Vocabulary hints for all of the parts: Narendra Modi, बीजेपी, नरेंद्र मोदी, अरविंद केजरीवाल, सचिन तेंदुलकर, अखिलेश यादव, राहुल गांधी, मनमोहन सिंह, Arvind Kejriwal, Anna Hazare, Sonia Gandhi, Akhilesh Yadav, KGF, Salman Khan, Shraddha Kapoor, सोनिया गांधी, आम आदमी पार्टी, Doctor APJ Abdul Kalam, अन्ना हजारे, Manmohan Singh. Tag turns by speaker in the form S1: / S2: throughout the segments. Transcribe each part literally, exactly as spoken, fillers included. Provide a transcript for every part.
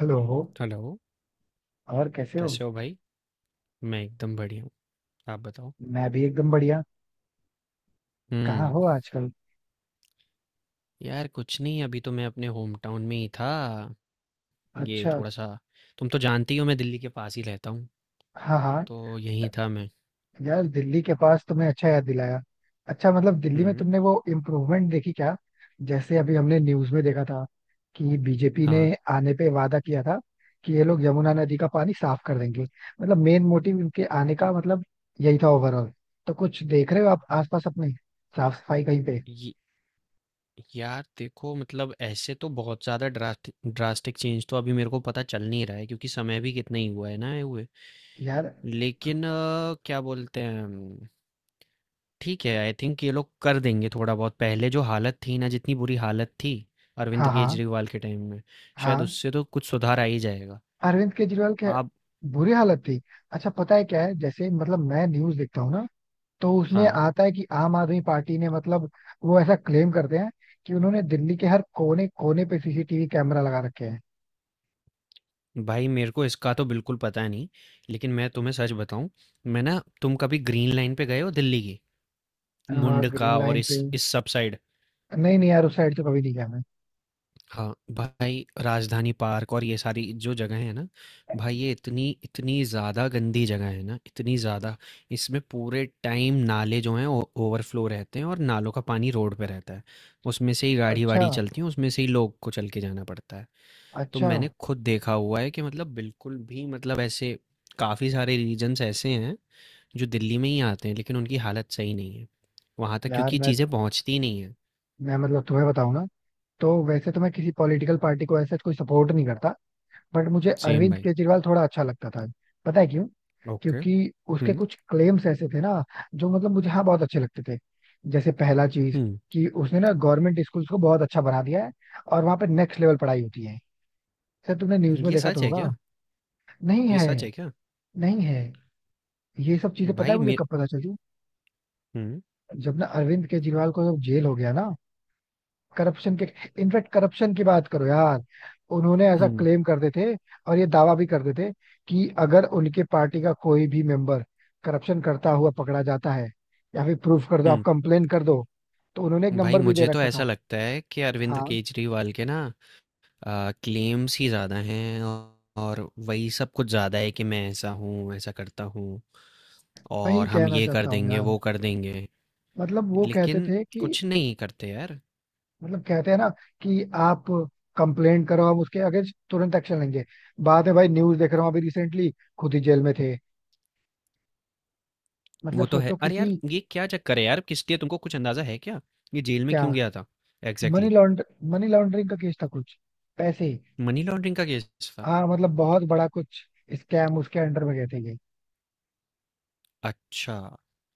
S1: Hello.
S2: Hello,
S1: और कैसे हो?
S2: कैसे हो भाई? मैं एकदम बढ़िया हूँ, आप बताओ?
S1: मैं भी एकदम बढ़िया। कहाँ
S2: हुँ,
S1: हो आजकल?
S2: यार कुछ नहीं अभी तो मैं अपने होम टाउन में ही था। ये
S1: अच्छा।
S2: थोड़ा-सा तुम तो जानती ही हो मैं दिल्ली के पास ही रहता हूँ,
S1: हाँ हाँ।
S2: तो यहीं था मैं।
S1: यार दिल्ली के पास तुमने अच्छा याद दिलाया। अच्छा मतलब दिल्ली में
S2: हुँ।
S1: तुमने वो इम्प्रूवमेंट देखी क्या? जैसे अभी हमने न्यूज में देखा था कि बीजेपी ने
S2: हाँ।
S1: आने पे वादा किया था कि ये लोग यमुना नदी का पानी साफ कर देंगे। मतलब मेन मोटिव इनके आने का मतलब यही था ओवरऑल। तो कुछ देख रहे हो आप आसपास अपने साफ सफाई कहीं पे?
S2: ये यार देखो मतलब ऐसे तो बहुत ज़्यादा ड्रास्ट ड्रास्टिक चेंज तो अभी मेरे को पता चल नहीं रहा है क्योंकि समय भी कितना ही हुआ है ना ये हुए।
S1: यार।
S2: लेकिन अ, क्या बोलते हैं ठीक है, आई थिंक ये लोग कर देंगे थोड़ा बहुत। पहले जो हालत थी ना, जितनी बुरी हालत थी अरविंद
S1: हाँ हाँ
S2: केजरीवाल के टाइम में, शायद
S1: हाँ।
S2: उससे तो कुछ सुधार आ ही जाएगा।
S1: अरविंद केजरीवाल क्या
S2: आप
S1: बुरी हालत थी। अच्छा पता है क्या है, जैसे मतलब मैं न्यूज देखता हूँ ना, तो उसमें
S2: हाँ।
S1: आता है कि आम आदमी पार्टी ने मतलब वो ऐसा क्लेम करते हैं कि उन्होंने दिल्ली के हर कोने कोने पे सीसीटीवी कैमरा लगा रखे हैं।
S2: भाई मेरे को इसका तो बिल्कुल पता नहीं, लेकिन मैं तुम्हें सच बताऊँ, मैं ना तुम कभी ग्रीन लाइन पे गए हो दिल्ली की?
S1: हाँ ग्रीन
S2: मुंडका और
S1: लाइन पे,
S2: इस इस सब साइड।
S1: नहीं नहीं यार उस साइड तो कभी नहीं गया मैं।
S2: हाँ, भाई राजधानी पार्क और ये सारी जो जगह है ना, भाई ये इतनी इतनी ज़्यादा गंदी जगह है ना, इतनी ज़्यादा इसमें पूरे टाइम नाले जो हैं ओवरफ्लो रहते हैं और नालों का पानी रोड पे रहता है, उसमें से ही गाड़ी
S1: अच्छा
S2: वाड़ी चलती है, उसमें से ही लोग को चल के जाना पड़ता है। तो
S1: अच्छा।
S2: मैंने खुद देखा हुआ है कि मतलब बिल्कुल भी मतलब ऐसे काफ़ी सारे रीजन्स ऐसे हैं जो दिल्ली में ही आते हैं लेकिन उनकी हालत सही नहीं है वहाँ तक
S1: यार
S2: क्योंकि
S1: मैं
S2: चीज़ें पहुँचती ही नहीं है।
S1: मैं मतलब तुम्हें बताऊँ ना, तो वैसे तो मैं किसी पॉलिटिकल पार्टी को ऐसे कोई सपोर्ट नहीं करता, बट मुझे
S2: सेम
S1: अरविंद
S2: भाई।
S1: केजरीवाल थोड़ा अच्छा लगता था। पता है क्यों?
S2: ओके।
S1: क्योंकि उसके
S2: हम्म।
S1: कुछ क्लेम्स ऐसे थे ना, जो मतलब मुझे हाँ बहुत अच्छे लगते थे। जैसे पहला चीज
S2: हम्म।
S1: कि उसने ना गवर्नमेंट स्कूल्स को बहुत अच्छा बना दिया है और वहां पे नेक्स्ट लेवल पढ़ाई होती है। सर तुमने न्यूज में
S2: ये
S1: देखा तो
S2: सच है
S1: होगा।
S2: क्या?
S1: नहीं
S2: ये
S1: है।
S2: सच है क्या?
S1: नहीं है। ये सब चीजें पता है
S2: भाई
S1: मुझे
S2: मे
S1: कब पता चली?
S2: हुँ।
S1: जब ना अरविंद केजरीवाल को जब जेल हो गया ना करप्शन के। इनफैक्ट करप्शन की बात करो यार, उन्होंने ऐसा
S2: हुँ।
S1: क्लेम करते थे और ये दावा भी करते थे कि अगर उनके पार्टी का कोई भी मेंबर करप्शन करता हुआ पकड़ा जाता है, या फिर प्रूफ कर दो, आप
S2: हुँ।
S1: कंप्लेन कर दो, तो उन्होंने एक
S2: भाई
S1: नंबर भी दे
S2: मुझे तो
S1: रखा
S2: ऐसा
S1: था।
S2: लगता है कि अरविंद
S1: हाँ
S2: केजरीवाल के ना अ, क्लेम्स ही ज़्यादा हैं और और वही सब कुछ ज़्यादा है कि मैं ऐसा हूँ, ऐसा करता हूँ
S1: वही
S2: और हम
S1: कहना
S2: ये कर
S1: चाहता हूँ
S2: देंगे,
S1: यार।
S2: वो कर देंगे।
S1: मतलब वो कहते
S2: लेकिन
S1: थे कि,
S2: कुछ नहीं करते यार।
S1: मतलब कहते हैं ना कि आप कंप्लेंट करो, हम उसके अगेंस्ट तुरंत एक्शन लेंगे। बाद में भाई न्यूज देख रहा हूँ अभी रिसेंटली, खुद ही जेल में थे। मतलब
S2: वो तो है।
S1: सोचो
S2: अरे
S1: किसी।
S2: यार, ये क्या चक्कर है यार? किसलिए तुमको कुछ अंदाज़ा है क्या? ये जेल में
S1: क्या?
S2: क्यों गया था?
S1: Money
S2: exactly.
S1: लॉन्ड मनी लॉन्ड्रिंग का केस था कुछ, पैसे ही।
S2: मनी लॉन्ड्रिंग का केस था?
S1: हाँ मतलब बहुत बड़ा कुछ स्कैम उसके अंडर में गए थे ये।
S2: अच्छा।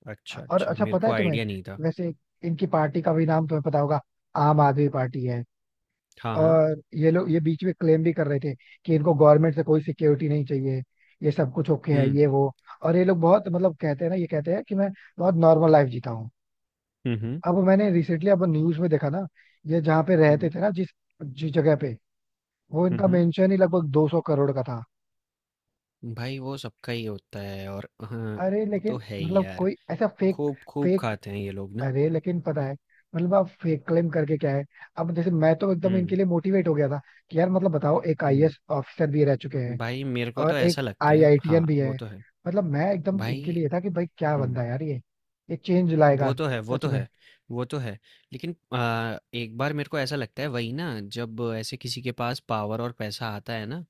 S2: अच्छा,
S1: और
S2: अच्छा।
S1: अच्छा
S2: मेरे
S1: पता
S2: को
S1: है तुम्हें
S2: आईडिया नहीं था।
S1: वैसे, इनकी पार्टी का भी नाम तुम्हें पता होगा, आम आदमी पार्टी है।
S2: हाँ, हाँ।
S1: और ये लोग ये बीच में क्लेम भी कर रहे थे कि इनको गवर्नमेंट से कोई सिक्योरिटी नहीं चाहिए, ये सब कुछ ओके है
S2: हुँ।
S1: ये वो। और ये लोग बहुत मतलब कहते हैं ना, ये कहते हैं कि मैं बहुत नॉर्मल लाइफ जीता हूँ।
S2: हुँ। हुँ।
S1: अब मैंने रिसेंटली अब न्यूज में देखा ना, ये जहाँ पे रहते
S2: हुँ,
S1: थे ना, जिस जिस जगह पे, वो
S2: हुँ,
S1: इनका
S2: हुँ।
S1: मेंशन ही लगभग दो सौ करोड़ का था।
S2: भाई वो सबका ही होता है और हाँ,
S1: अरे
S2: वो तो
S1: लेकिन
S2: है ही
S1: मतलब
S2: यार।
S1: कोई ऐसा फेक,
S2: खूब, खूब
S1: फेक,
S2: खाते हैं ये लोग ना।
S1: अरे लेकिन पता है मतलब आप फेक क्लेम करके क्या है? अब जैसे मैं तो एकदम इनके
S2: हुँ,
S1: लिए मोटिवेट हो गया था कि यार मतलब बताओ एक
S2: हुँ।
S1: आईएएस ऑफिसर भी रह चुके हैं
S2: भाई मेरे को
S1: और
S2: तो
S1: एक
S2: ऐसा लगता है हाँ,
S1: आईआईटीएन भी है।
S2: वो तो है।
S1: मतलब मैं एकदम इनके
S2: भाई
S1: लिए था कि भाई क्या बंदा
S2: हुँ।
S1: है यार ये ये चेंज
S2: वो
S1: लाएगा
S2: तो है, वो
S1: सच
S2: तो
S1: में।
S2: है, वो तो है। लेकिन अ, एक बार मेरे को ऐसा लगता है वही ना, जब ऐसे किसी के पास पावर और पैसा आता है ना,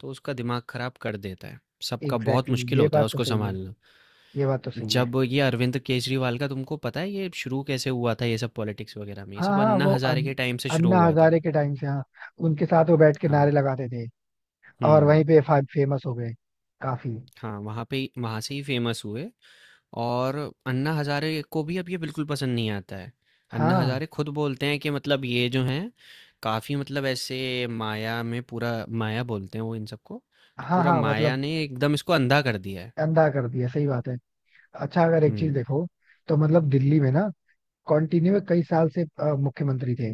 S2: तो उसका दिमाग खराब कर देता है। सबका बहुत
S1: एग्जैक्टली exactly,
S2: मुश्किल
S1: ये
S2: होता है
S1: बात तो
S2: उसको
S1: सही है,
S2: सँभालना।
S1: ये बात तो सही है।
S2: जब ये अरविंद केजरीवाल का तुमको पता है ये शुरू कैसे हुआ था ये सब पॉलिटिक्स वगैरह में ये
S1: हाँ
S2: सब
S1: हाँ
S2: अन्ना
S1: वो
S2: हजारे
S1: अन,
S2: के टाइम से शुरू
S1: अन्ना
S2: हुआ था।
S1: हजारे के टाइम से हाँ, उनके साथ वो बैठ के नारे
S2: हाँ।
S1: लगाते थे और
S2: हम्म।
S1: वहीं पे फेमस हो गए काफी।
S2: हाँ, वहाँ पे वहाँ से ही फेमस हुए और अन्ना हजारे को भी अब ये बिल्कुल पसंद नहीं आता है। अन्ना
S1: हाँ
S2: हजारे खुद बोलते हैं कि मतलब ये जो हैं काफ़ी मतलब ऐसे माया में पूरा माया बोलते हैं वो इन सबको, तो
S1: हाँ
S2: पूरा
S1: हाँ
S2: माया
S1: मतलब
S2: ने एकदम इसको अंधा कर दिया है।
S1: अंधा कर दिया, सही बात है। अच्छा अगर एक चीज
S2: हम्म।
S1: देखो, तो मतलब दिल्ली में ना कंटिन्यू कई साल से अ, मुख्यमंत्री थे।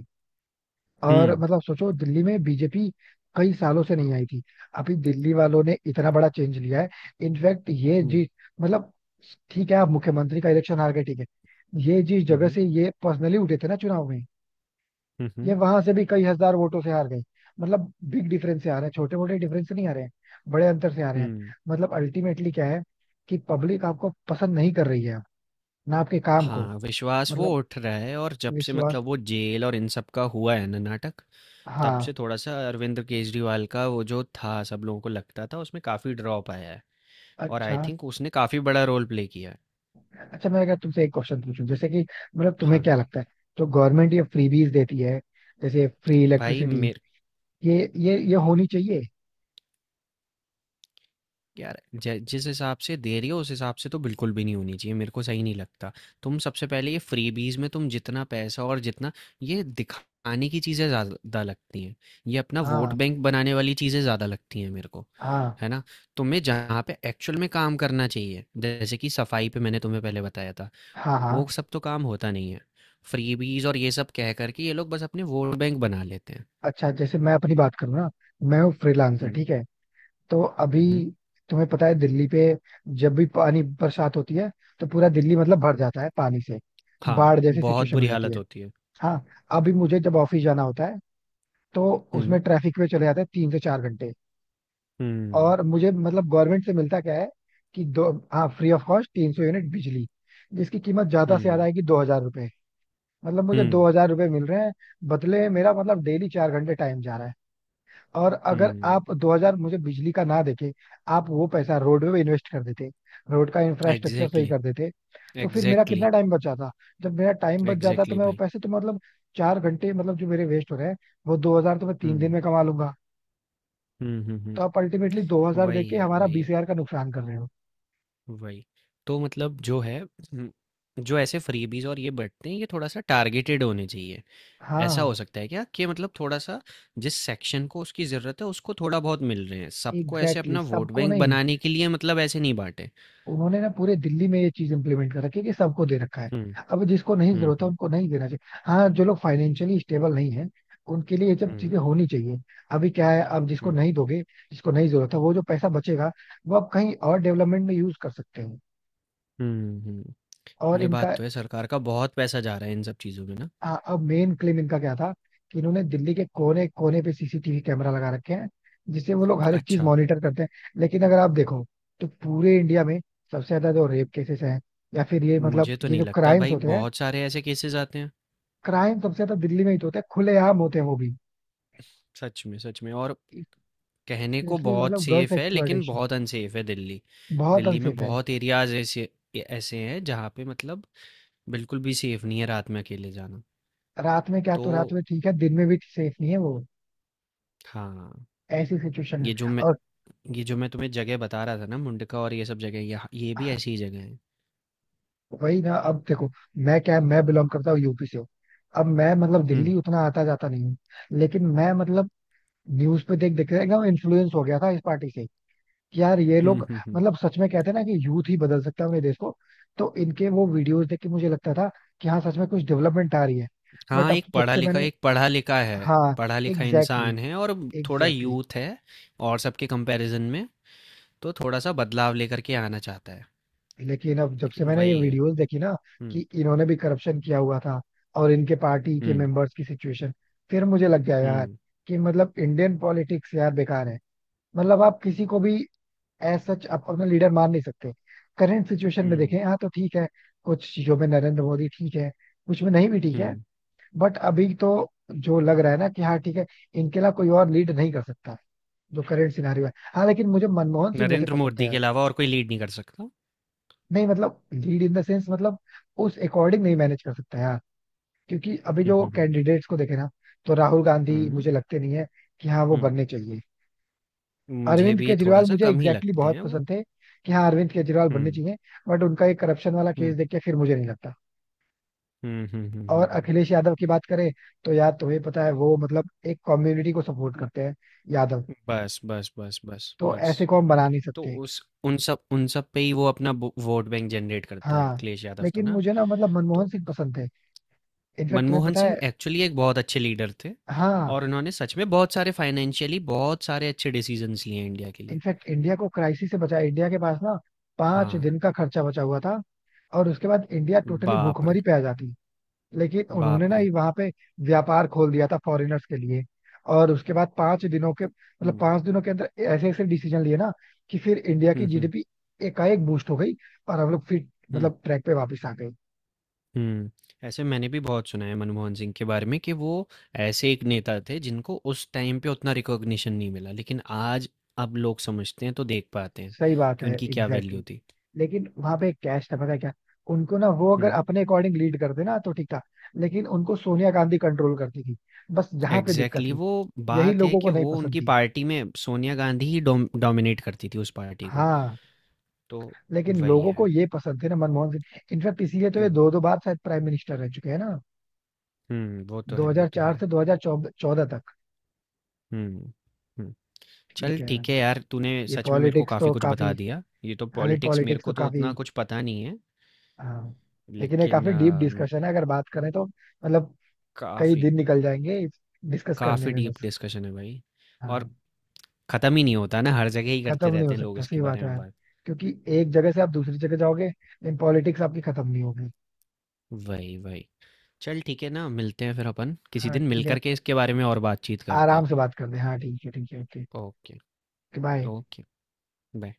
S1: और
S2: हम्म।
S1: मतलब सोचो दिल्ली में बीजेपी कई सालों से नहीं आई थी, अभी दिल्ली वालों ने इतना बड़ा चेंज लिया है। इनफैक्ट ये
S2: हम्म।
S1: जी मतलब, ठीक है आप मुख्यमंत्री का इलेक्शन हार गए ठीक है, ये जिस जगह
S2: हम्म।
S1: से ये पर्सनली उठे थे ना चुनाव में,
S2: हम्म।
S1: ये
S2: हम्म।
S1: वहां से भी कई हजार वोटों से हार गई। मतलब बिग डिफरेंस से आ रहे हैं, छोटे मोटे डिफरेंस से नहीं आ रहे हैं, बड़े अंतर से आ रहे हैं।
S2: हम्म।
S1: मतलब अल्टीमेटली क्या है कि पब्लिक आपको पसंद नहीं कर रही है अब, ना आपके काम को।
S2: हाँ, विश्वास वो
S1: मतलब
S2: उठ रहा है और जब से
S1: विश्वास।
S2: मतलब वो जेल और इन सब का हुआ है ना नाटक, तब से
S1: हाँ।
S2: थोड़ा सा अरविंद केजरीवाल का वो जो था सब लोगों को लगता था उसमें काफी ड्रॉप आया है और आई
S1: अच्छा।
S2: थिंक उसने काफी बड़ा रोल प्ले किया है।
S1: अच्छा मैं अगर तुमसे एक क्वेश्चन पूछूं, जैसे कि मतलब तुम्हें
S2: हाँ।
S1: क्या लगता है जो गवर्नमेंट ये फ्रीबीज देती है जैसे फ्री
S2: भाई
S1: इलेक्ट्रिसिटी,
S2: मे
S1: ये ये ये होनी चाहिए?
S2: यार जै- जिस हिसाब से दे रही हो उस हिसाब से तो बिल्कुल भी नहीं होनी चाहिए, मेरे को सही नहीं लगता। तुम सबसे पहले ये फ्रीबीज में तुम जितना पैसा और जितना ये दिखाने की चीज़ें ज़्यादा लगती हैं, ये अपना वोट
S1: हाँ
S2: बैंक बनाने वाली चीज़ें ज़्यादा लगती हैं मेरे को,
S1: हाँ
S2: है ना? तुम्हें जहाँ पे एक्चुअल में काम करना चाहिए जैसे कि सफाई पे मैंने तुम्हें पहले बताया था,
S1: हाँ हाँ।
S2: वो सब तो काम होता नहीं है। फ्रीबीज और ये सब कह करके ये लोग बस अपने वोट बैंक बना लेते हैं।
S1: अच्छा जैसे मैं अपनी बात करूँ ना, मैं हूँ फ्रीलांसर
S2: हम्म।
S1: ठीक है। तो अभी
S2: हम्म।
S1: तुम्हें पता है दिल्ली पे जब भी पानी बरसात होती है तो पूरा दिल्ली मतलब भर जाता है पानी से,
S2: हाँ,
S1: बाढ़ जैसी
S2: बहुत
S1: सिचुएशन हो
S2: बुरी
S1: जाती
S2: हालत
S1: है।
S2: होती है।
S1: हाँ अभी मुझे जब ऑफिस जाना होता है तो उसमें
S2: हम्म।
S1: ट्रैफिक में चले जाते हैं तीन से चार घंटे।
S2: हम्म।
S1: और मुझे मतलब गवर्नमेंट से मिलता क्या है कि दो हाँ फ्री ऑफ कॉस्ट तीन सौ यूनिट बिजली, जिसकी कीमत ज्यादा से ज्यादा
S2: हम्म।
S1: आएगी दो हजार रुपए। मतलब मुझे दो
S2: हुँ,
S1: हजार रुपए मिल रहे हैं, बदले में मेरा मतलब डेली चार घंटे टाइम जा रहा है। और अगर
S2: हुँ।
S1: आप दो हज़ार मुझे बिजली का ना देके, आप वो पैसा रोड में इन्वेस्ट कर देते, रोड का इंफ्रास्ट्रक्चर सही
S2: एग्ज़ैक्टली,
S1: कर देते, तो फिर मेरा
S2: एग्ज़ैक्टली,
S1: कितना टाइम बच जाता। जब मेरा टाइम बच जाता तो
S2: एग्ज़ैक्टली
S1: मैं वो
S2: भाई।
S1: पैसे तो मतलब, चार घंटे मतलब जो मेरे वेस्ट हो रहे हैं, वो दो हज़ार तो मैं तीन दिन
S2: हुँ,
S1: में कमा लूंगा।
S2: हुँ, हुँ,
S1: तो
S2: हुँ।
S1: आप अल्टीमेटली दो हज़ार
S2: वही
S1: देके
S2: है,
S1: हमारा
S2: वही है,
S1: बीस हज़ार का नुकसान कर रहे हो।
S2: वही। तो मतलब जो है हुँ, जो ऐसे फ्रीबीज़ और ये बँटते हैं, ये थोड़ा-सा टारगेटेड होने चाहिए। ऐसा हो
S1: हाँ
S2: सकता है क्या कि मतलब थोड़ा-सा जिस सेक्शन को उसकी ज़रूरत है, उसको थोड़ा बहुत मिल रहे हैं। सबको ऐसे
S1: एग्जैक्टली
S2: अपना
S1: exactly,
S2: वोट
S1: सबको
S2: बैंक
S1: नहीं।
S2: बनाने के लिए मतलब ऐसे नहीं बाँटे।
S1: उन्होंने ना पूरे दिल्ली में ये चीज इम्प्लीमेंट कर रखी है कि सबको दे रखा है,
S2: हुँ,
S1: अब जिसको नहीं
S2: हुँ,
S1: जरूरत है
S2: हुँ।
S1: उनको नहीं देना चाहिए। हाँ जो लोग फाइनेंशियली स्टेबल नहीं है उनके लिए ये सब चीजें
S2: हुँ,
S1: होनी चाहिए। अभी क्या है, अब जिसको
S2: हुँ।
S1: नहीं दोगे, जिसको नहीं जरूरत है, वो जो पैसा बचेगा वो आप कहीं और डेवलपमेंट में यूज कर सकते हो।
S2: हुँ, हुँ।
S1: और
S2: ये बात
S1: इनका,
S2: तो है, सरकार का बहुत पैसा जा रहा है इन सब चीज़ों में ना?
S1: हाँ, अब मेन क्लेम इनका क्या था कि इन्होंने दिल्ली के कोने कोने पे सीसीटीवी कैमरा लगा रखे हैं जिससे वो लोग हर एक चीज
S2: अच्छा।
S1: मॉनिटर करते हैं। लेकिन अगर आप देखो तो पूरे इंडिया में सबसे ज्यादा जो रेप केसेस हैं या फिर ये मतलब
S2: मुझे तो
S1: ये
S2: नहीं
S1: जो
S2: लगता
S1: क्राइम्स
S2: भाई,
S1: होते हैं,
S2: बहुत सारे ऐसे केसेस आते हैं।
S1: क्राइम सबसे ज्यादा दिल्ली में ही तो होता है, खुलेआम होते हैं वो भी।
S2: सच में, सच में। और कहने को
S1: स्पेशली
S2: बहुत
S1: मतलब गर्ल्स
S2: सेफ है लेकिन
S1: एक्सप्लॉयटेशन,
S2: बहुत अनसेफ है दिल्ली।
S1: बहुत
S2: दिल्ली में
S1: अनसेफ है।
S2: बहुत एरियाज ऐसे ऐसे हैं जहाँ पे मतलब बिल्कुल भी सेफ नहीं है रात में अकेले जाना।
S1: रात में क्या,
S2: तो
S1: तो रात में ठीक है दिन में भी सेफ नहीं है वो।
S2: हाँ।
S1: ऐसी सिचुएशन
S2: ये जो
S1: है।
S2: मैं
S1: और
S2: ये जो मैं तुम्हें जगह बता रहा था ना मुंडका और ये सब जगह, ये ये भी ऐसी ही जगह है।
S1: वही ना अब देखो, मैं क्या मैं बिलोंग करता हूँ यूपी से हूँ, अब मैं मतलब
S2: हम्म।
S1: दिल्ली उतना आता जाता नहीं हूँ। लेकिन मैं मतलब न्यूज पे देख देख के एकदम इन्फ्लुएंस हो गया था इस पार्टी से कि यार ये
S2: हम्म।
S1: लोग,
S2: हम्म। हम्म।
S1: मतलब सच में कहते हैं ना कि यूथ ही बदल सकता है अपने देश को। तो इनके वो वीडियोस देख के मुझे लगता था कि हाँ सच में कुछ डेवलपमेंट आ रही है। बट
S2: हाँ,
S1: अब
S2: एक
S1: जब
S2: पढ़ा
S1: से
S2: लिखा
S1: मैंने,
S2: एक पढ़ा लिखा है
S1: हाँ
S2: पढ़ा लिखा
S1: एग्जैक्टली exactly,
S2: इंसान है और थोड़ा
S1: एग्जैक्टली exactly.
S2: यूथ है और सबके कंपैरिजन में तो थोड़ा-सा बदलाव लेकर के आना चाहता है,
S1: लेकिन अब जब से
S2: लेकिन
S1: मैंने ये
S2: वही है।
S1: वीडियोस देखी ना कि
S2: हुँ,
S1: इन्होंने भी करप्शन किया हुआ था और इनके पार्टी के
S2: हुँ,
S1: मेंबर्स की सिचुएशन, फिर मुझे लग गया यार
S2: हुँ,
S1: कि मतलब इंडियन पॉलिटिक्स यार बेकार है। मतलब आप किसी को भी एज सच आप अपना लीडर मान नहीं सकते। करंट सिचुएशन में
S2: हुँ,
S1: देखें हाँ तो ठीक है, कुछ चीजों में नरेंद्र मोदी ठीक है, कुछ में नहीं भी ठीक है।
S2: हुँ।
S1: बट अभी तो जो लग रहा है ना कि हाँ ठीक है इनके अलावा कोई और लीड नहीं कर सकता जो करंट सिनारियो है। हाँ लेकिन मुझे मनमोहन सिंह वैसे
S2: नरेंद्र
S1: पसंद है
S2: मोदी के
S1: यार.
S2: अलावा और कोई लीड नहीं कर सकता।
S1: नहीं मतलब लीड इन द सेंस मतलब उस अकॉर्डिंग नहीं मैनेज कर सकता यार, क्योंकि अभी
S2: हुँ,
S1: जो
S2: हुँ, हुँ,
S1: कैंडिडेट्स को देखे ना, तो राहुल गांधी
S2: हुँ,
S1: मुझे लगते नहीं है कि हाँ वो
S2: हुँ।
S1: बनने चाहिए।
S2: मुझे
S1: अरविंद
S2: भी
S1: केजरीवाल
S2: थोड़ा-सा
S1: मुझे
S2: कम ही
S1: एग्जैक्टली exactly
S2: लगते
S1: बहुत
S2: हैं वो।
S1: पसंद थे कि हाँ अरविंद केजरीवाल बनने
S2: हुँ,
S1: चाहिए, बट उनका एक करप्शन वाला
S2: हुँ,
S1: केस देख के फिर मुझे नहीं लगता।
S2: हुँ, हुँ, हुँ, हुँ,
S1: और
S2: हुँ।
S1: अखिलेश यादव की बात करें तो यार तुम्हें पता है वो मतलब एक कम्युनिटी को सपोर्ट करते हैं, यादव,
S2: बस, बस, बस, बस,
S1: तो
S2: बस।
S1: ऐसे को हम बना नहीं
S2: तो
S1: सकते।
S2: उस उन सब उन सब पे ही वो अपना बो वोट बैंक जनरेट करता है,
S1: हाँ
S2: अखिलेश यादव तो
S1: लेकिन
S2: ना।
S1: मुझे ना मतलब मनमोहन
S2: तो
S1: सिंह पसंद थे, इनफैक्ट तुम्हें
S2: मनमोहन
S1: पता
S2: सिंह
S1: है।
S2: एक्चुअली एक बहुत अच्छे लीडर थे
S1: हाँ
S2: और उन्होंने सच में बहुत सारे फाइनेंशियली बहुत सारे अच्छे डिसीजंस लिए हैं इंडिया के लिए।
S1: इनफैक्ट इंडिया को क्राइसिस से बचाया, इंडिया के पास ना पांच
S2: हाँ,
S1: दिन का खर्चा बचा हुआ था, और उसके बाद इंडिया टोटली
S2: बाप रे!
S1: भूखमरी पे आ जाती। लेकिन उन्होंने
S2: बाप
S1: ना
S2: रे!
S1: ही वहां पे व्यापार खोल दिया था फॉरेनर्स के लिए, और उसके बाद पांच दिनों के मतलब
S2: हुँ,
S1: पांच दिनों के अंदर ऐसे ऐसे डिसीजन लिए ना कि फिर इंडिया की
S2: हुँ, हुँ,
S1: जीडीपी एकाएक बूस्ट हो गई, और हम लोग फिर
S2: हुँ,
S1: मतलब ट्रैक पे वापस आ गए।
S2: हुँ। ऐसे मैंने भी बहुत सुना है मनमोहन सिंह के बारे में कि वो ऐसे एक नेता थे जिनको उस टाइम पे उतना रिकॉग्निशन नहीं मिला, लेकिन आज अब लोग समझते हैं तो देख पाते हैं
S1: सही बात
S2: कि
S1: है
S2: उनकी क्या वैल्यू
S1: एग्जैक्टली।
S2: थी।
S1: लेकिन वहां पे एक कैश था
S2: हुँ,
S1: पता है क्या, उनको ना वो अगर
S2: हुँ,
S1: अपने अकॉर्डिंग लीड करते ना तो ठीक था, लेकिन उनको सोनिया गांधी कंट्रोल करती थी, बस यहाँ पे दिक्कत
S2: एग्ज़ैक्टली।
S1: थी,
S2: वो
S1: यही
S2: बात है
S1: लोगों
S2: कि
S1: को नहीं
S2: वो
S1: पसंद
S2: उनकी
S1: थी।
S2: पार्टी में सोनिया गांधी ही डोम डोमिनेट करती थी उस पार्टी को,
S1: हाँ
S2: तो
S1: लेकिन
S2: वही
S1: लोगों को
S2: है।
S1: ये पसंद थे ना मनमोहन सिंह, इनफैक्ट इसीलिए तो ये
S2: हुँ,
S1: दो दो बार शायद प्राइम मिनिस्टर रह चुके हैं ना,
S2: हुँ, वो तो है, वो तो
S1: दो हज़ार चार
S2: है।
S1: से दो हज़ार चौदह तक।
S2: हुँ, हुँ। चल
S1: ठीक है
S2: ठीक है यार, तूने
S1: ये
S2: सच में मेरे को
S1: पॉलिटिक्स
S2: काफ़ी
S1: तो
S2: कुछ
S1: काफी,
S2: बता दिया। ये तो
S1: हालांकि
S2: पॉलिटिक्स मेरे
S1: पॉलिटिक्स तो
S2: को तो
S1: काफी,
S2: उतना कुछ पता नहीं है,
S1: हाँ लेकिन ये
S2: लेकिन
S1: काफी डीप डिस्कशन है अगर बात करें तो मतलब कई
S2: काफ़ी
S1: दिन निकल जाएंगे डिस्कस करने
S2: काफ़ी
S1: में
S2: डीप
S1: बस।
S2: डिस्कशन है भाई। और
S1: हाँ
S2: ख़त्म ही नहीं होता ना, हर जगह ही करते
S1: खत्म नहीं
S2: रहते
S1: हो
S2: हैं लोग
S1: सकता सही
S2: इसके बारे
S1: बात है
S2: में
S1: यार,
S2: बात।
S1: क्योंकि एक जगह से आप दूसरी जगह जाओगे लेकिन पॉलिटिक्स आपकी खत्म नहीं होगी।
S2: वही, वही। चल ठीक है, ना मिलते हैं फिर अपन, किसी
S1: हाँ
S2: दिन मिल
S1: ठीक है,
S2: करके इसके बारे में और बातचीत करते
S1: आराम
S2: हैं।
S1: से बात कर दे। हाँ ठीक है ठीक है okay.
S2: Okay.
S1: Bye.
S2: Okay. Bye.